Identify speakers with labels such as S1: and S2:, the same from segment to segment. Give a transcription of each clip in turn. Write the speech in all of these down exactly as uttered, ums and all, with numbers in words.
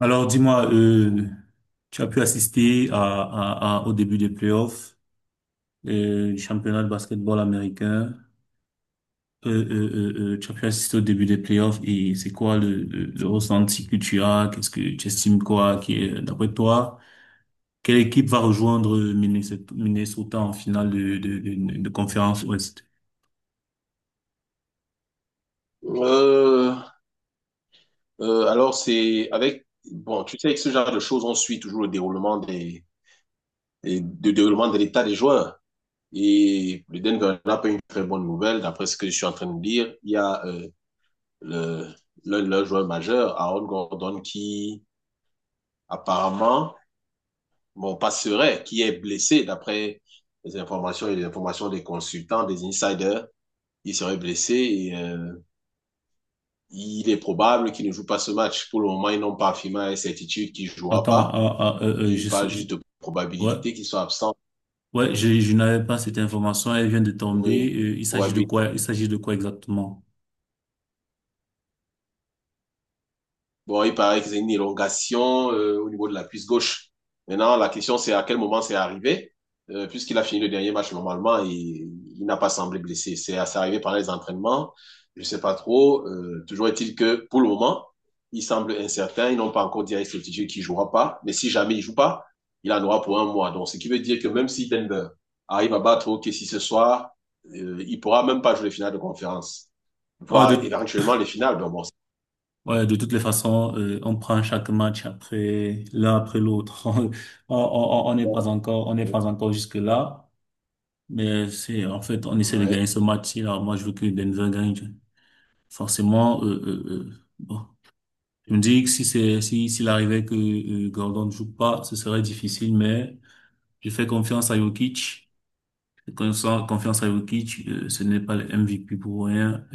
S1: Alors, dis-moi, euh, tu as pu assister à, à- à- au début des playoffs euh, du championnat de basketball américain. Euh, euh, euh, euh, tu as pu assister au début des playoffs et c'est quoi le, le, le ressenti que tu as? Qu'est-ce que tu estimes quoi qui est, d'après toi, quelle équipe va rejoindre Minnesota Minnesota en finale de, de, de, de conférence Ouest?
S2: Euh, euh, alors, c'est avec... Bon, tu sais, avec ce genre de choses, on suit toujours le déroulement des, des- du déroulement de l'état des joueurs. Et le Denver n'a pas une très bonne nouvelle, d'après ce que je suis en train de dire. Il y a euh, le, l'un de leurs joueurs majeurs, Aaron Gordon, qui apparemment, bon, passerait, qui est blessé, d'après les informations et les informations des consultants, des insiders. Il serait blessé et euh, il est probable qu'il ne joue pas ce match. Pour le moment, ils n'ont pas affirmé à la certitude qu'il ne jouera
S1: Attends,
S2: pas.
S1: ah, ah, euh, euh,
S2: Il
S1: je,
S2: parle
S1: sais- je-
S2: juste de
S1: ouais,
S2: probabilités qui sont absentes.
S1: ouais, je, je n'avais pas cette information. Elle vient de tomber.
S2: Oui,
S1: Euh, il s'agit de
S2: probabilités.
S1: quoi? Il s'agit de quoi exactement?
S2: Bon, il paraît qu'ils ont une élongation euh, au niveau de la cuisse gauche. Maintenant, la question, c'est à quel moment c'est arrivé, euh, puisqu'il a fini le dernier match normalement et il n'a pas semblé blessé. C'est c'est arrivé pendant les entraînements, je ne sais pas trop. Euh, toujours est-il que pour le moment, il semble incertain. Ils n'ont pas encore dit à certitude qu'il jouera pas, mais si jamais il ne joue pas, il en aura pour un mois. Donc, ce qui veut dire que même si Denver arrive à battre O K C ce soir, euh, il ne pourra même pas jouer les finales de conférence,
S1: Ah,
S2: voire
S1: de
S2: éventuellement les finales. Donc, bon,
S1: Ouais, de toutes les façons, euh, on prend chaque match après l'un après l'autre. On on- on- on n'est pas encore, on n'est pas encore jusque là, mais c'est en fait on essaie de
S2: ouais.
S1: gagner ce match-ci. Alors moi, je veux que Denver gagne. Forcément, euh, euh, euh, bon, je me dis que si c'est si s'il arrivait que euh, Gordon ne joue pas, ce serait difficile. Mais je fais confiance à Jokic. Je fais confiance confiance à Jokic. Euh, ce n'est pas le M V P pour rien.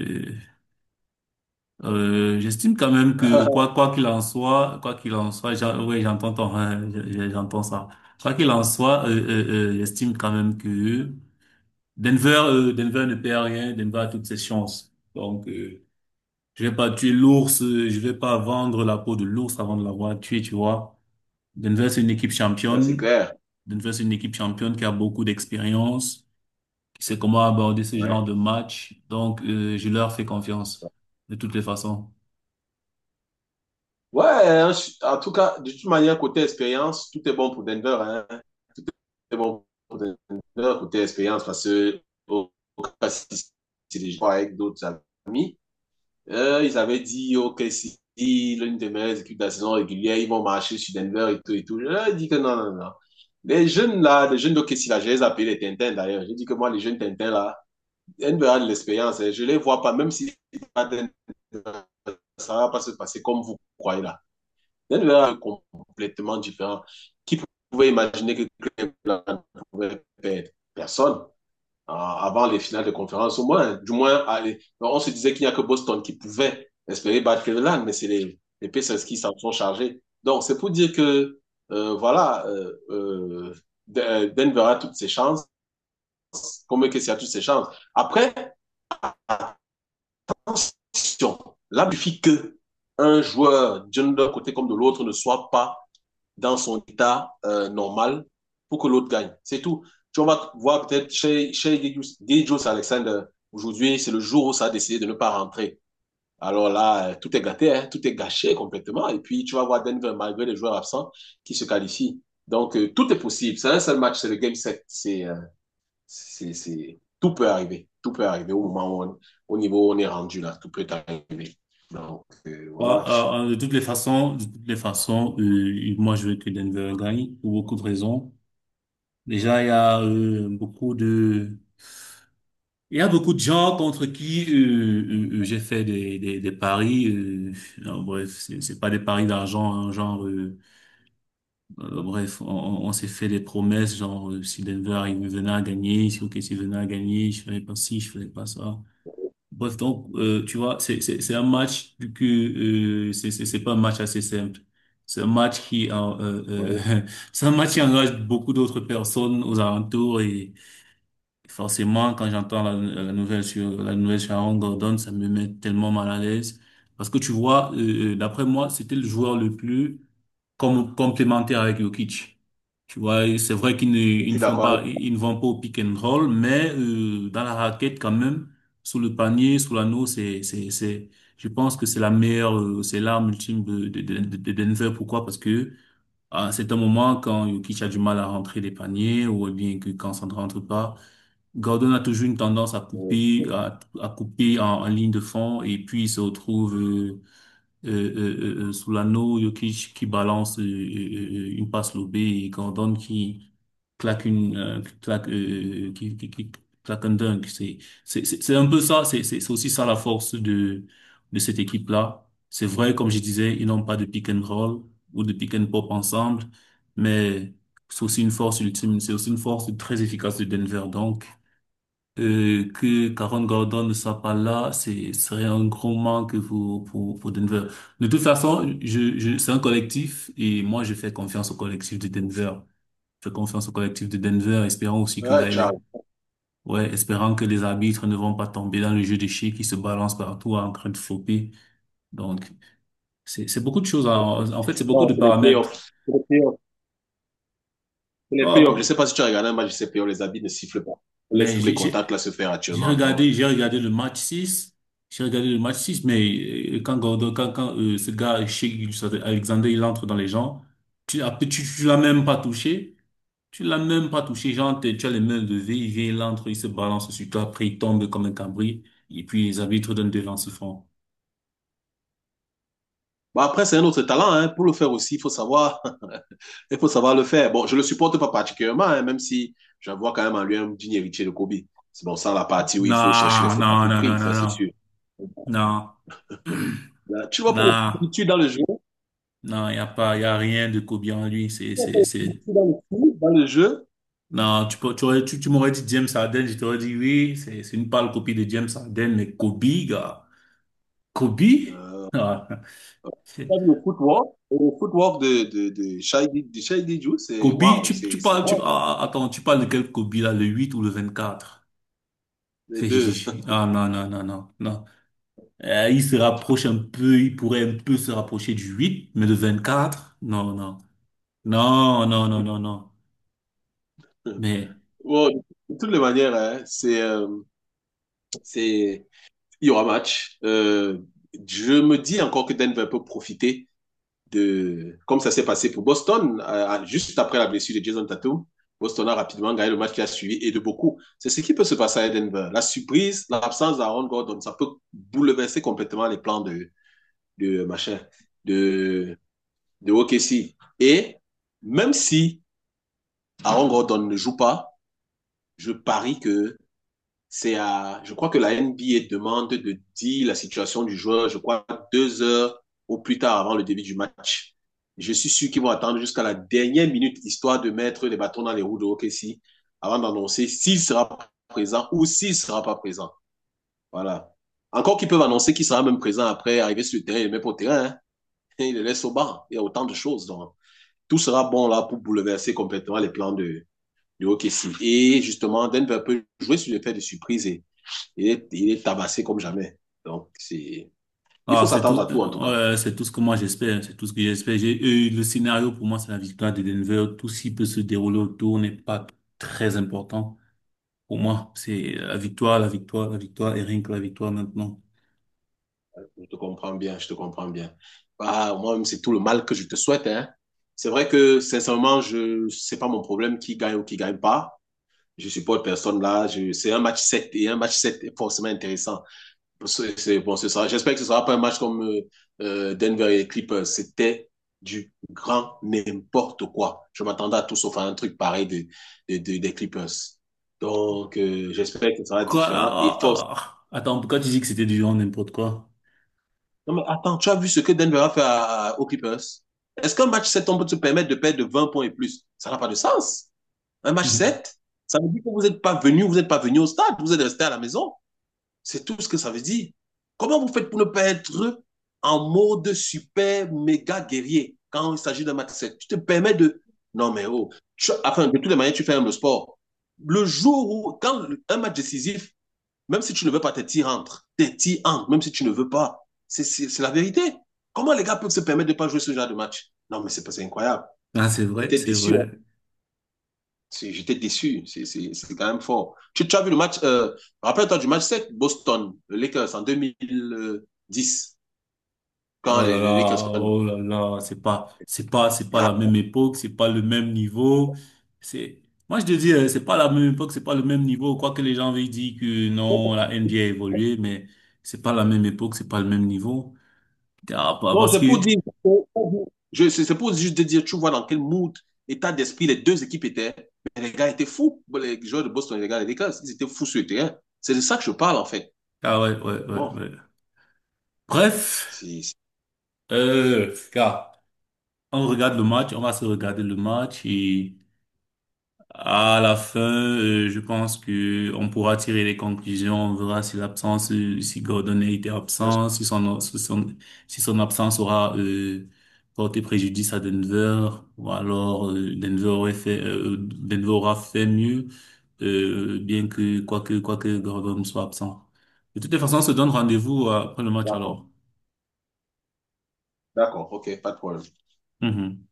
S1: Euh, j'estime quand même que quoi quoi qu'il en soit, quoi qu'il en soit, j'en- oui, j'entends ton- hein, je- je- j'entends ça. Quoi qu'il en soit, euh, euh, euh, j'estime quand même que Denver euh, Denver ne perd rien, Denver a toutes ses chances. Donc euh, je vais pas tuer l'ours, euh, je vais pas vendre la peau de l'ours avant de l'avoir tué, tu vois. Denver c'est une équipe
S2: C'est
S1: championne.
S2: clair.
S1: Denver c'est une équipe championne qui a beaucoup d'expérience, qui sait comment aborder ce genre
S2: Ouais.
S1: de match. Donc euh, je leur fais confiance de toutes les façons.
S2: Ouais, hein, je- en tout cas, de toute manière, côté expérience, tout est bon pour Denver. Hein. Tout est bon pour Denver, côté expérience, parce que au au cas si c'est des joueurs avec d'autres amis. Euh, ils avaient dit, OK, si l'une des meilleures équipes de la saison régulière, ils vont marcher sur Denver et tout et tout. Je leur ai dit que non, non, non. Les jeunes là, les jeunes d'O K C là, je les appelle les Tintins d'ailleurs. J'ai dit que moi, les jeunes Tintins là, Denver a de l'expérience. Hein. Je les vois pas, même si ça ne va pas se passer comme vous croyez là. Il y a complètement différent. Qui pouvait imaginer que Clem pouvait perdre. Personne. Ah, avant les finales de conférence, au moins, du moins, on se disait qu'il n'y a que Boston qui pouvait espérer battre Cleveland, mais c'est les, les Pacers qui s'en sont chargés. Donc, c'est pour dire que, euh, voilà, euh, euh, Denver a toutes ses chances, comme que a toutes ses chances. Après, attention, là, il suffit que un joueur, d'un côté comme de l'autre, ne soit pas dans son état euh, normal pour que l'autre gagne. C'est tout. Tu vas voir peut-être chez, chez Gijus Alexander, aujourd'hui, c'est le jour où ça a décidé de ne pas rentrer. Alors là, euh, tout est gâté, hein, tout est gâché complètement. Et puis, tu vas voir Denver, malgré les joueurs absents, qui se qualifient. Donc, euh, tout est possible. C'est un seul match, c'est le game set. C'est, euh, c'est, c'est... Tout peut arriver. Tout peut arriver au moment où on, au niveau où on est rendu là. Tout peut arriver. Donc, euh,
S1: Bon,
S2: voilà.
S1: euh, euh, de toutes les façons, de toutes les façons, euh, moi je veux que Denver gagne pour beaucoup de raisons. Déjà, il y a euh, beaucoup de, il y a beaucoup de gens contre qui euh, euh, euh, j'ai fait des, des, des paris. Euh, non, bref, c'est c'est pas des paris d'argent, hein, genre, euh, euh, bref, on, on on s'est fait des promesses, genre euh, si Denver il venait à gagner, si O K C venait à gagner, je ferais pas ci, je ferais pas ça. Bref, donc, euh, tu vois, c'est c'est- c'est un match, vu que euh, c'est c'est- c'est pas un match assez simple. C'est un match qui, en- euh,
S2: Ouais.
S1: euh, c'est un match qui engage beaucoup d'autres personnes aux alentours et forcément, quand j'entends la, la nouvelle sur la nouvelle sur Aaron Gordon, ça me met tellement mal à l'aise parce que tu vois, euh, euh, d'après moi, c'était le joueur le plus comme complémentaire avec Jokic. Tu vois, c'est vrai qu'ils ne,
S2: Je
S1: ils ne
S2: suis
S1: font
S2: d'accord avec
S1: pas, ils ne vont pas au pick and roll, mais euh, dans la raquette quand même, sous le panier, sous l'anneau, c'est, c'est, c'est, je pense que c'est la meilleure, euh, c'est l'arme ultime de, de, de, de Denver. Pourquoi? Parce que à un certain moment, quand Jokic a du mal à rentrer les paniers, ou bien que quand ça ne rentre pas, Gordon a toujours une tendance à
S2: toi.
S1: couper, à, à couper en, en ligne de fond, et puis il se retrouve euh, euh, euh, euh, euh, sous l'anneau, Jokic qui balance euh, euh, euh, euh, une passe lobée et Gordon qui claque une euh, qui claque euh, euh, qui, qui, qui claque un dunk. C'est c'est c'est c'est un peu ça. C'est c'est c'est aussi ça la force de de cette équipe là. C'est vrai, comme je disais, ils n'ont pas de pick and roll ou de pick and pop ensemble, mais c'est aussi une force ultime. C'est aussi une force très efficace de Denver. Donc euh, que Karen Gordon ne soit pas là, c'est serait un gros manque pour pour pour Denver. De toute façon, je je c'est un collectif et moi je fais confiance au collectif de Denver. Je fais confiance au collectif de Denver, espérant aussi que
S2: Ouais,
S1: là il est
S2: ciao.
S1: ouais, espérant que les arbitres ne vont pas tomber dans le jeu de chiens qui se balance partout en train de flopper. Donc c'est c'est beaucoup de choses. En, en fait, c'est beaucoup
S2: Non,
S1: de
S2: c'est les
S1: paramètres.
S2: playoffs. C'est les playoffs. C'est les playoffs. Je ne
S1: Oh,
S2: sais pas si tu as regardé un match de ces playoffs, les habits ne sifflent pas. On laisse
S1: mais
S2: tous les
S1: j'ai j'ai-
S2: contacts là se faire
S1: j'ai
S2: actuellement. Donc,
S1: regardé, j'ai regardé le match six. J'ai regardé le match six, mais euh, quand Gordon, quand, quand euh, ce gars, Shea- Alexander, il entre dans les gens, tu, après, tu, tu l'as même pas touché. Tu l'as même pas touché. Genre, t'es- tu as les mains levées, il vient, il entre, il se balance sur toi, après, il tombe comme un cambri. Et puis, les arbitres donnent des lance francs.
S2: bon, après, c'est un autre talent, hein. Pour le faire aussi, il faut savoir, il faut savoir le faire. Bon, je le supporte pas particulièrement, hein, même si j'en vois quand même en lui un digne héritier de Kobe. C'est bon, ça, la partie où il faut chercher les
S1: Non,
S2: fautes à
S1: non,
S2: tout
S1: non, non,
S2: prix,
S1: non,
S2: ça, c'est
S1: non.
S2: sûr.
S1: Non,
S2: Hum. Là, tu vas pas au
S1: non,
S2: foot, dans le jeu, tu
S1: non, il n'y a pas, il n'y a rien de Kobe en lui. C'est,
S2: vas pas
S1: c'est,
S2: au foot,
S1: c'est.
S2: dans le foot, dans le jeu,
S1: Non, tu peux, tu aurais- tu, tu m'aurais dit James Harden, je t'aurais dit oui, c'est, c'est une pâle copie de James Harden, mais Kobe, gars. Kobe? Ah, c'est-
S2: tu as vu le footwork, et le footwork de, de, de Shady, de Shady Ju, c'est
S1: Kobe,
S2: waouh,
S1: tu,
S2: c'est
S1: tu
S2: c'est
S1: parles, tu,
S2: waouh, hein,
S1: ah, ah, attends, tu parles de quel Kobe là, le huit ou le vingt-quatre?
S2: les
S1: C'est-
S2: deux.
S1: Ah non, non, non, non, non. Euh, il se rapproche un peu, il pourrait un peu se rapprocher du huit, mais le vingt-quatre? Non, non. Non, non, non, non, non. Mais
S2: Wow, de toutes les manières, hein, c'est, euh, c'est, il y aura match. Euh, je me dis encore que Denver peut profiter de, comme ça s'est passé pour Boston, euh, juste après la blessure de Jason Tatum, Boston a rapidement gagné le match qui a suivi et de beaucoup. C'est ce qui peut se passer à Denver. La surprise, l'absence d'Aaron Gordon, ça peut bouleverser complètement les plans de, de machin, de, de O K C. Et même si Aaron Gordon ne joue pas, je parie que c'est à, je crois que la N B A demande de dire la situation du joueur, je crois, deux heures au plus tard avant le début du match. Je suis sûr qu'ils vont attendre jusqu'à la dernière minute, histoire de mettre les bâtons dans les roues de O K C, avant d'annoncer s'il sera présent ou s'il sera pas présent. Voilà. Encore qu'ils peuvent annoncer qu'il sera même présent après arriver sur le terrain, il le met pas au terrain, hein. Il le laisse au banc. Il y a autant de choses. Donc, tout sera bon là pour bouleverser complètement les plans de, de O K C. Et justement, Denver peut jouer sur l'effet de surprise et il est, il est tabassé comme jamais. Donc, c'est, il faut
S1: ah, c'est
S2: s'attendre
S1: tout,
S2: à tout, en tout cas.
S1: ouais, c'est tout ce que moi j'espère, c'est tout ce que j'espère. J'ai eu le scénario pour moi, c'est la victoire de Denver. Tout ce qui peut se dérouler autour n'est pas très important pour moi. C'est la victoire, la victoire, la victoire et rien que la victoire maintenant.
S2: Je te comprends bien, je te comprends bien. Ah, moi-même, c'est tout le mal que je te souhaite. Hein. C'est vrai que, sincèrement, je, c'est pas mon problème qui gagne ou qui gagne pas. Je supporte personne là. Je, c'est un match sept et un match sept est forcément intéressant. C'est c'est- bon, c'est ça. J'espère que ce sera pas un match comme euh, euh, Denver et les Clippers. C'était du grand n'importe quoi. Je m'attendais à tout sauf à un truc pareil de, de, de, des Clippers. Donc, euh, j'espère que ce sera
S1: Quoi? Ah,
S2: différent et
S1: ah,
S2: force.
S1: ah. ah. Attends, pourquoi tu dis que c'était du genre n'importe quoi?
S2: Non, mais attends, tu as vu ce que Denver a fait à, à, aux Clippers? Est-ce qu'un match sept on peut se permettre de perdre de vingt points et plus? Ça n'a pas de sens. Un match sept ça veut dire que vous n'êtes pas venu, vous n'êtes pas venu au stade, vous êtes resté à la maison. C'est tout ce que ça veut dire. Comment vous faites pour ne pas être en mode super méga guerrier quand il s'agit d'un match sec? Tu te permets de. Non, mais oh. Tu... Enfin, de toutes les manières, tu fais même le sport. Le jour où, quand un match décisif, même si tu ne veux pas, tes tirs entrent. Tes tirs entrent, même si tu ne veux pas. C'est la vérité. Comment les gars peuvent se permettre de ne pas jouer ce genre de match. Non, mais c'est incroyable.
S1: Ah, c'est vrai,
S2: J'étais
S1: c'est
S2: déçu.
S1: vrai.
S2: J'étais déçu. C'est quand même fort. Tu, tu, as vu le match, euh, rappelle-toi du match sept, Boston, le Lakers en deux mille dix, quand
S1: Oh
S2: les,
S1: là
S2: les
S1: là,
S2: Lakers prennent.
S1: oh là là, c'est pas, c'est pas, c'est pas la
S2: Ah.
S1: même époque, c'est pas le même niveau. C'est, moi je te dis, euh, c'est pas la même époque, c'est pas le même niveau. Quoique les gens veuillent dire que non, la NBA a a évolué, mais c'est pas la même époque, c'est pas le même niveau. Ah, pa-
S2: Non,
S1: parce
S2: c'est pour
S1: que,
S2: dire, c'est pour juste de dire, tu vois dans quel mood, état d'esprit les deux équipes étaient. Mais les gars étaient fous. Les joueurs de Boston et les gars des Lakers, ils étaient fous sur le terrain. C'est de ça que je parle, en fait.
S1: ah ouais, ouais, ouais,
S2: Bon,
S1: ouais. Bref,
S2: c'est
S1: euh, car on regarde le match, on va se regarder le match et. À la fin, euh, je pense que on pourra tirer les conclusions. On verra si l'absence, euh, si Gordon était
S2: bien sûr.
S1: absent, si son, si son, si son absence aura euh, porté préjudice à Denver, ou alors euh, Denver aurait fait, euh, Denver aura fait mieux, euh, bien que quoique quoique Gordon soit absent. De toutes les façons, on se donne rendez-vous euh, après le match
S2: D'accord.
S1: alors.
S2: D'accord, ok, pas de problème.
S1: Mhm.